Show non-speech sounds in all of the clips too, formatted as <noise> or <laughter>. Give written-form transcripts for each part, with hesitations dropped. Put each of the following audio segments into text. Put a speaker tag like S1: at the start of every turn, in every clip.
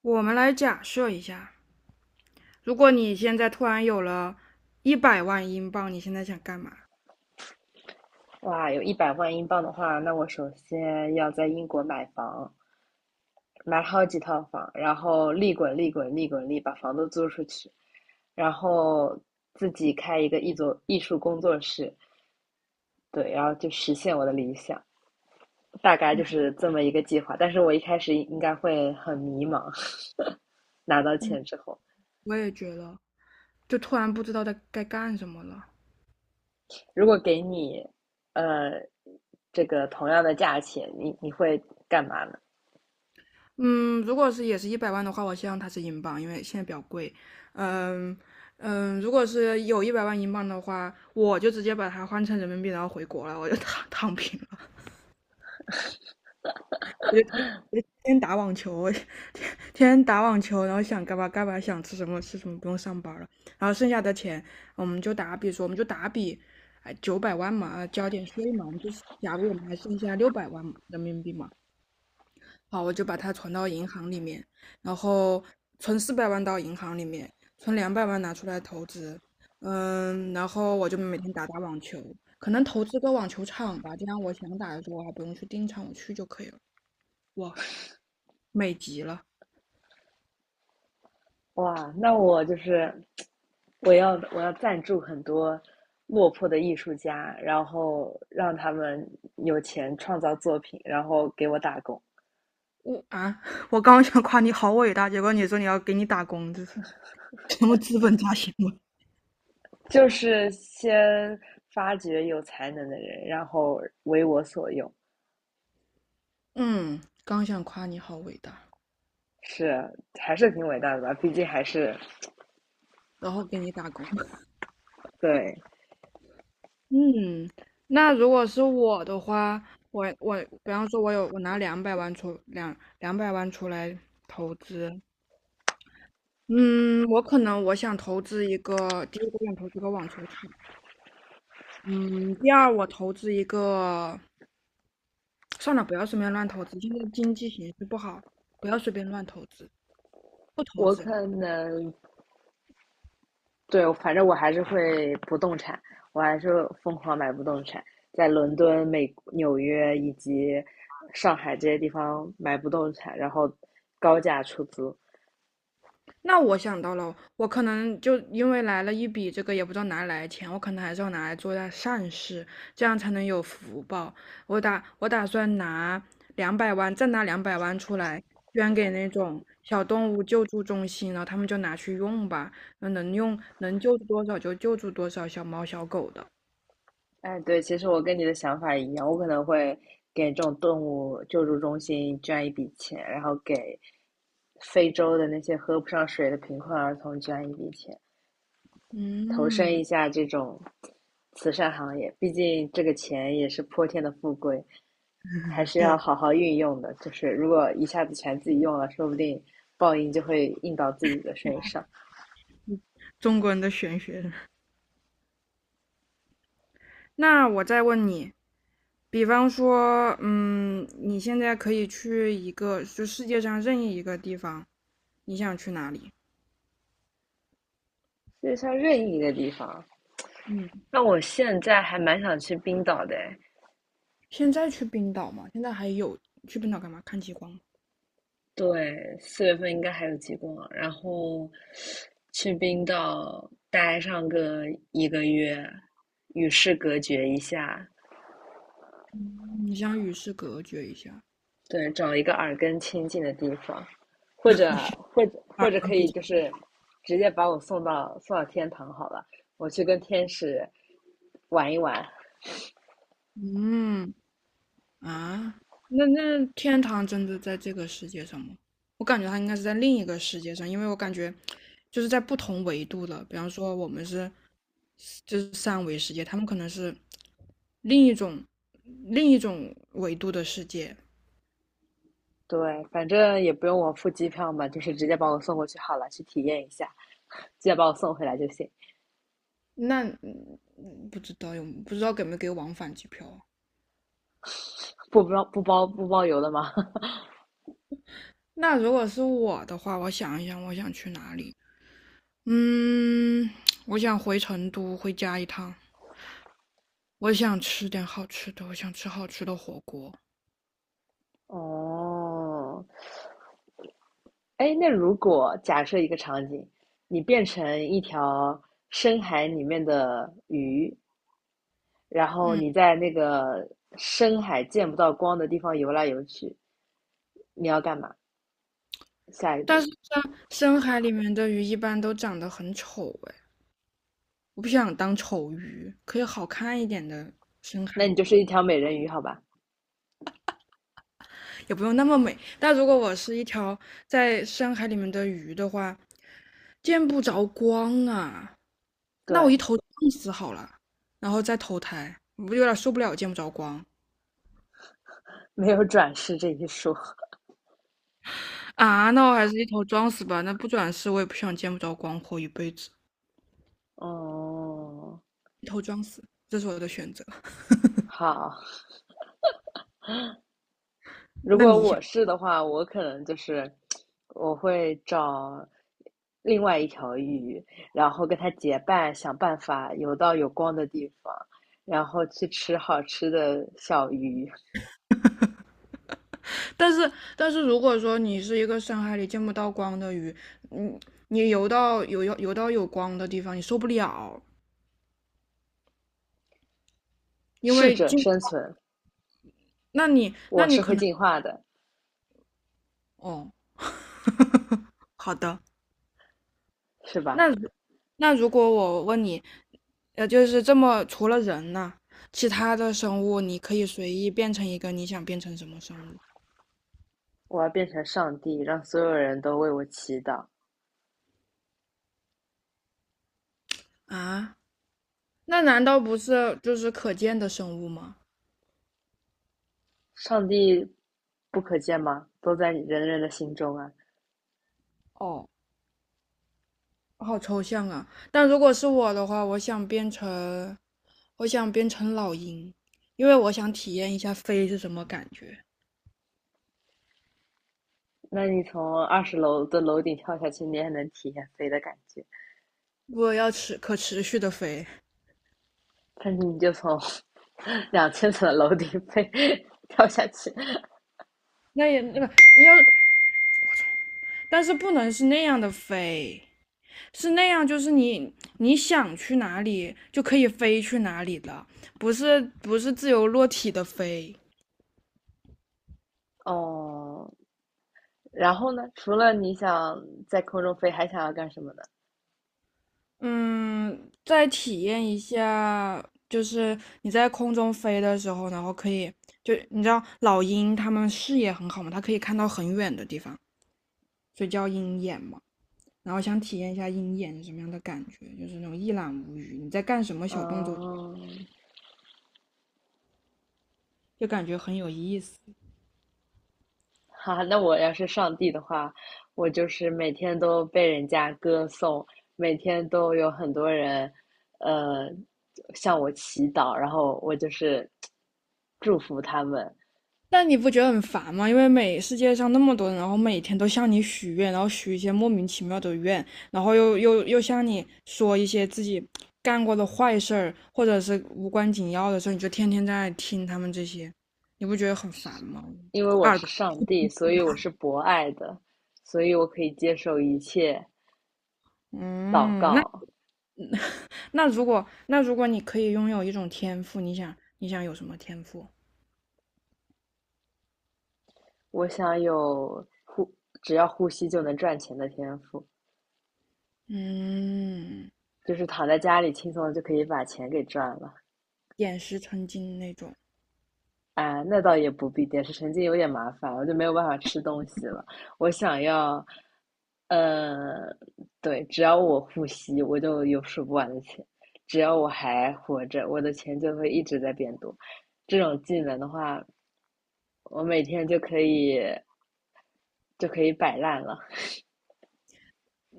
S1: 我们来假设一下，如果你现在突然有了一百万英镑，你现在想干嘛？
S2: 哇，有100万英镑的话，那我首先要在英国买房，买好几套房，然后利滚利滚利滚利，把房子租出去，然后自己开一个艺术工作室，对，然后就实现我的理想，大概就是这么一个计划。但是我一开始应该会很迷茫，<laughs> 拿到
S1: 嗯，
S2: 钱之后，
S1: 我也觉得，就突然不知道该干什么了。
S2: 如果给你，呃，这个同样的价钱，你会干嘛呢？
S1: 嗯，如果是也是一百万的话，我希望它是英镑，因为现在比较贵。嗯嗯，如果是有一百万英镑的话，我就直接把它换成人民币，然后回国了，我就躺平了。我就天天打网球，我天天打网球，然后想干嘛干嘛，想吃什么吃什么，不用上班了。然后剩下的钱，我们就打比，哎，900万嘛，交点税嘛，我们就是假如我们还剩下600万人民币嘛，好，我就把它存到银行里面，然后存400万到银行里面，存两百万拿出来投资。嗯，然后我就每天打打网球，可能投资个网球场吧，这样我想打的时候我还不用去订场，我去就可以了。哇，美极了！
S2: 哇，那我就是我要赞助很多落魄的艺术家，然后让他们有钱创造作品，然后给我打工，
S1: 我啊，我刚刚想夸你好伟大，结果你说你要给你打工，这是什么资本家行为？
S2: 就是先发掘有才能的人，然后为我所用，
S1: 嗯，刚想夸你好伟大，
S2: 是。还是挺伟大的吧？毕竟还是。
S1: 然后给你打工。<laughs>
S2: 对，
S1: 嗯，那如果是我的话，我比方说，我拿两百万出来投资。嗯，我可能我想投资一个，第一个想投资个网球场。嗯，第二我投资一个，算了，不要随便乱投资，现在经济形势不好，不要随便乱投资。不投
S2: 我
S1: 资了。
S2: 可能对，反正我还是会不动产，我还是疯狂买不动产，在伦敦、美、纽约以及上海这些地方买不动产，然后高价出租。
S1: 那我想到了，我可能就因为来了一笔这个也不知道哪里来的钱，我可能还是要拿来做点善事，这样才能有福报。我打算拿两百万，再拿两百万出来捐给那种小动物救助中心，然后他们就拿去用吧，那能用能救助多少就救助多少小猫小狗的。
S2: 哎，对，其实我跟你的想法一样，我可能会给这种动物救助中心捐一笔钱，然后给非洲的那些喝不上水的贫困儿童捐一笔钱，投身
S1: 嗯，
S2: 一下这种慈善行业。毕竟这个钱也是泼天的富贵。还是要
S1: 对，
S2: 好好运用的。就是如果一下子全自己用了，说不定报应就会印到自己的身上。
S1: 中国人的玄学。那我再问你，比方说，嗯，你现在可以去一个，就世界上任意一个地方，你想去哪里？
S2: 就像任意一个地方，
S1: 嗯，
S2: 那我现在还蛮想去冰岛的。
S1: 现在去冰岛吗？现在还有去冰岛干嘛？看极光吗？
S2: 对，4月份应该还有极光，然后去冰岛待上个1个月，与世隔绝一下，
S1: 你想与世隔绝一下。
S2: 对，找一个耳根清净的地方，或者或者
S1: 二
S2: 或者
S1: 分
S2: 可
S1: 不
S2: 以
S1: 同。
S2: 就是直接把我送到天堂好了，我去跟天使玩一玩。
S1: 嗯。啊，那天堂真的在这个世界上吗？我感觉它应该是在另一个世界上，因为我感觉就是在不同维度的。比方说我们就是三维世界，他们可能是另一种另一种维度的世界。
S2: 对，反正也不用我付机票嘛，就是直接把我送过去好了，去体验一下，直接把我送回来就行，
S1: 那嗯不知道给没给往返机票啊？
S2: 不包邮的吗？
S1: 那如果是我的话，我想一想，我想去哪里？嗯，<tsk> 我想回成都，回家一趟。我想吃点好吃的，我想吃好吃的火锅。
S2: <laughs> 哦，哎，那如果假设一个场景，你变成一条深海里面的鱼，然后你在那个深海见不到光的地方游来游去，你要干嘛？下一
S1: 但
S2: 步，
S1: 是像深海里面的鱼一般都长得很丑哎，我不想当丑鱼，可以好看一点的深
S2: 那
S1: 海
S2: 你
S1: 鱼
S2: 就是一
S1: 吗？
S2: 条美人鱼，好吧？
S1: 也不用那么美。但如果我是一条在深海里面的鱼的话，见不着光啊，那我一
S2: 对，
S1: 头撞死好了，然后再投胎，我不有点受不了见不着光。
S2: 没有转世这一说。
S1: 啊？那我还是一头撞死吧，那不转世我也不想见不着光活一辈子，
S2: 哦，
S1: 一头撞死，这是我的选择。
S2: 好，如
S1: 那
S2: 果
S1: 你想，
S2: 我是的话，我可能就是我会找另外一条鱼，然后跟它结伴，想办法游到有光的地方，然后去吃好吃的小鱼，
S1: 但是但是如果说你是一个深海里见不到光的鱼，嗯，你游到游游游到有光的地方，你受不了，因
S2: 适
S1: 为
S2: 者
S1: 进，
S2: 生存，
S1: 那你那
S2: 我
S1: 你
S2: 是
S1: 可
S2: 会
S1: 能。
S2: 进化的，
S1: 哦，<laughs> 好的。
S2: 是吧？
S1: 那如那如果我问你，就是这么除了人呢，其他的生物你可以随意变成一个，你想变成什么生物？
S2: 我要变成上帝，让所有人都为我祈祷。
S1: 啊？那难道不是就是可见的生物吗？
S2: 上帝不可见吗？都在人人的心中啊。
S1: 哦。好抽象啊！但如果是我的话，我想变成，我想变成老鹰，因为我想体验一下飞是什么感觉。
S2: 那你从20楼的楼顶跳下去，你也能体验飞的感觉。
S1: 我要可持续的飞，
S2: 但是你就从 <laughs> 2000层的楼顶跳下去，
S1: 那也那个要，但是不能是那样的飞，是那样就是你想去哪里就可以飞去哪里了，不是自由落体的飞。
S2: 哦。然后呢？除了你想在空中飞，还想要干什么呢？
S1: 嗯，再体验一下，就是你在空中飞的时候，然后可以，就你知道老鹰它们视野很好嘛，它可以看到很远的地方，所以叫鹰眼嘛。然后想体验一下鹰眼是什么样的感觉，就是那种一览无余，你在干什么小动作，
S2: 嗯，
S1: 就感觉很有意思。
S2: 哈，那我要是上帝的话，我就是每天都被人家歌颂，每天都有很多人，呃，向我祈祷，然后我就是 <tsk> 祝福他们，
S1: 但你不觉得很烦吗？因为世界上那么多人，然后每天都向你许愿，然后许一些莫名其妙的愿，然后又向你说一些自己干过的坏事儿，或者是无关紧要的事你就天天在听他们这些，你不觉得很烦吗？
S2: 因为我
S1: 二，
S2: 是上帝，所以我是博爱的，所以我可以接受一切祷
S1: 嗯，那
S2: 告。
S1: 那如果那如果你可以拥有一种天赋，你想有什么天赋？
S2: 我想有只要呼吸就能赚钱的天赋，
S1: 嗯，
S2: 就是躺在家里轻松地就可以把钱给赚了。
S1: 点石成金那种。
S2: 啊，那倒也不必，点石成金有点麻烦，我就没有办法吃东西了。我想要，呃，对，只要我呼吸，我就有数不完的钱；只要我还活着，我的钱就会一直在变多。这种技能的话，我每天就可以摆烂了。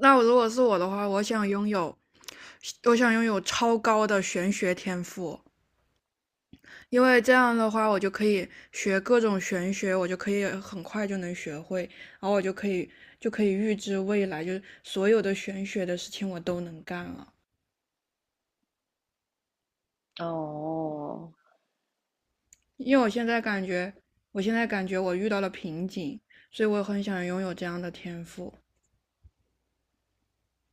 S1: 那我如果是我的话，我想拥有超高的玄学天赋，因为这样的话，我就可以学各种玄学，我就可以很快就能学会，然后我就可以预知未来，就是所有的玄学的事情我都能干了。
S2: 哦
S1: 因为我现在感觉我遇到了瓶颈，所以我很想拥有这样的天赋。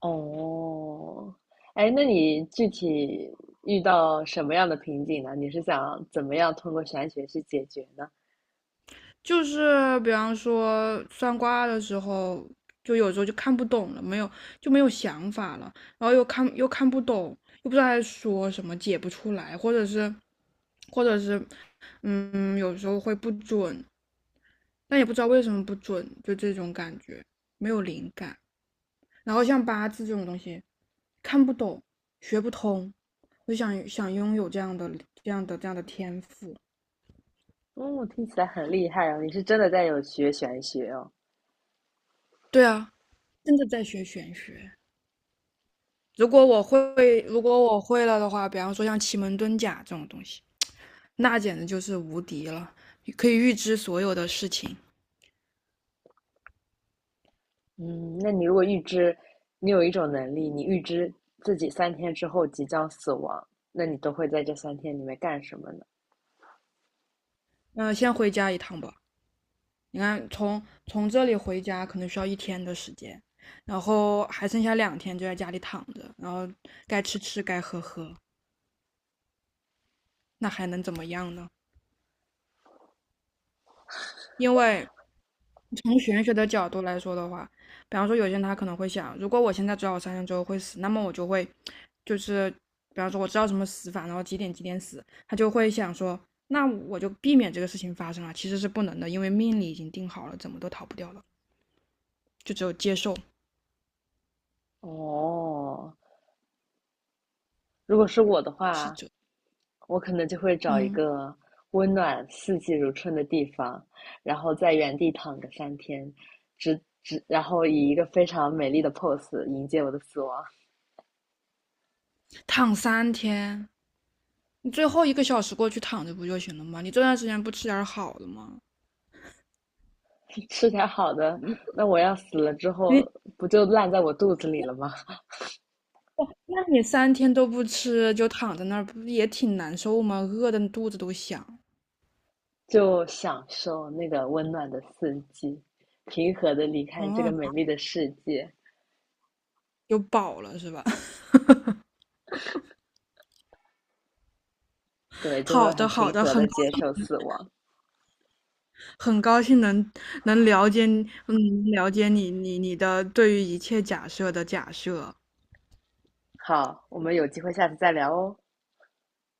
S2: 哦，哎，那你具体遇到什么样的瓶颈呢？你是想怎么样通过玄学去解决呢？
S1: 就是比方说算卦的时候，就有时候就看不懂了，没有就没有想法了，然后又看不懂，又不知道在说什么，解不出来，或者是，嗯，有时候会不准，但也不知道为什么不准，就这种感觉，没有灵感。然后像八字这种东西，看不懂，学不通，我就想拥有这样的天赋。
S2: 哦，听起来很厉害哦！你是真的在有学玄学哦。
S1: 对啊，真的在学玄学。如果我会，如果我会了的话，比方说像奇门遁甲这种东西，那简直就是无敌了，可以预知所有的事情。
S2: 嗯，那你如果预知，你有一种能力，你预知自己三天之后即将死亡，那你都会在这三天里面干什么呢？
S1: 那、先回家一趟吧，你看从这里回家可能需要1天的时间，然后还剩下2天就在家里躺着，然后该吃吃该喝喝，那还能怎么样呢？因为从玄学的角度来说的话，比方说有些人他可能会想，如果我现在知道我三天之后会死，那么我就会，就是比方说我知道什么死法，然后几点几点死，他就会想说，那我就避免这个事情发生了。其实是不能的，因为命里已经定好了，怎么都逃不掉了，就只有接受
S2: 哦，如果是我的
S1: 是
S2: 话，
S1: 这。
S2: 我可能就会找一
S1: 嗯，
S2: 个温暖、四季如春的地方，然后在原地躺个三天，然后以一个非常美丽的 pose 迎接我的死亡。
S1: 躺三天，你最后1个小时过去躺着不就行了吗？你这段时间不吃点好的吗？
S2: <laughs> 吃点好的，那我要死了之后
S1: 你
S2: 不就烂在我肚子里了吗？<laughs>
S1: 那你三天都不吃，就躺在那儿，不也挺难受吗？饿的肚子都响。
S2: 就享受那个温暖的四季，平和的离开这
S1: 哦，
S2: 个美丽的世界，
S1: 有饱了是吧？<laughs>
S2: 对，就会
S1: 好
S2: 很
S1: 的，好
S2: 平
S1: 的，
S2: 和
S1: 很
S2: 的
S1: 高
S2: 接受
S1: 兴，
S2: 死亡。
S1: 很高兴能了解你，嗯，了解你，你的对于一切假设的假设。
S2: 好，我们有机会下次再聊哦。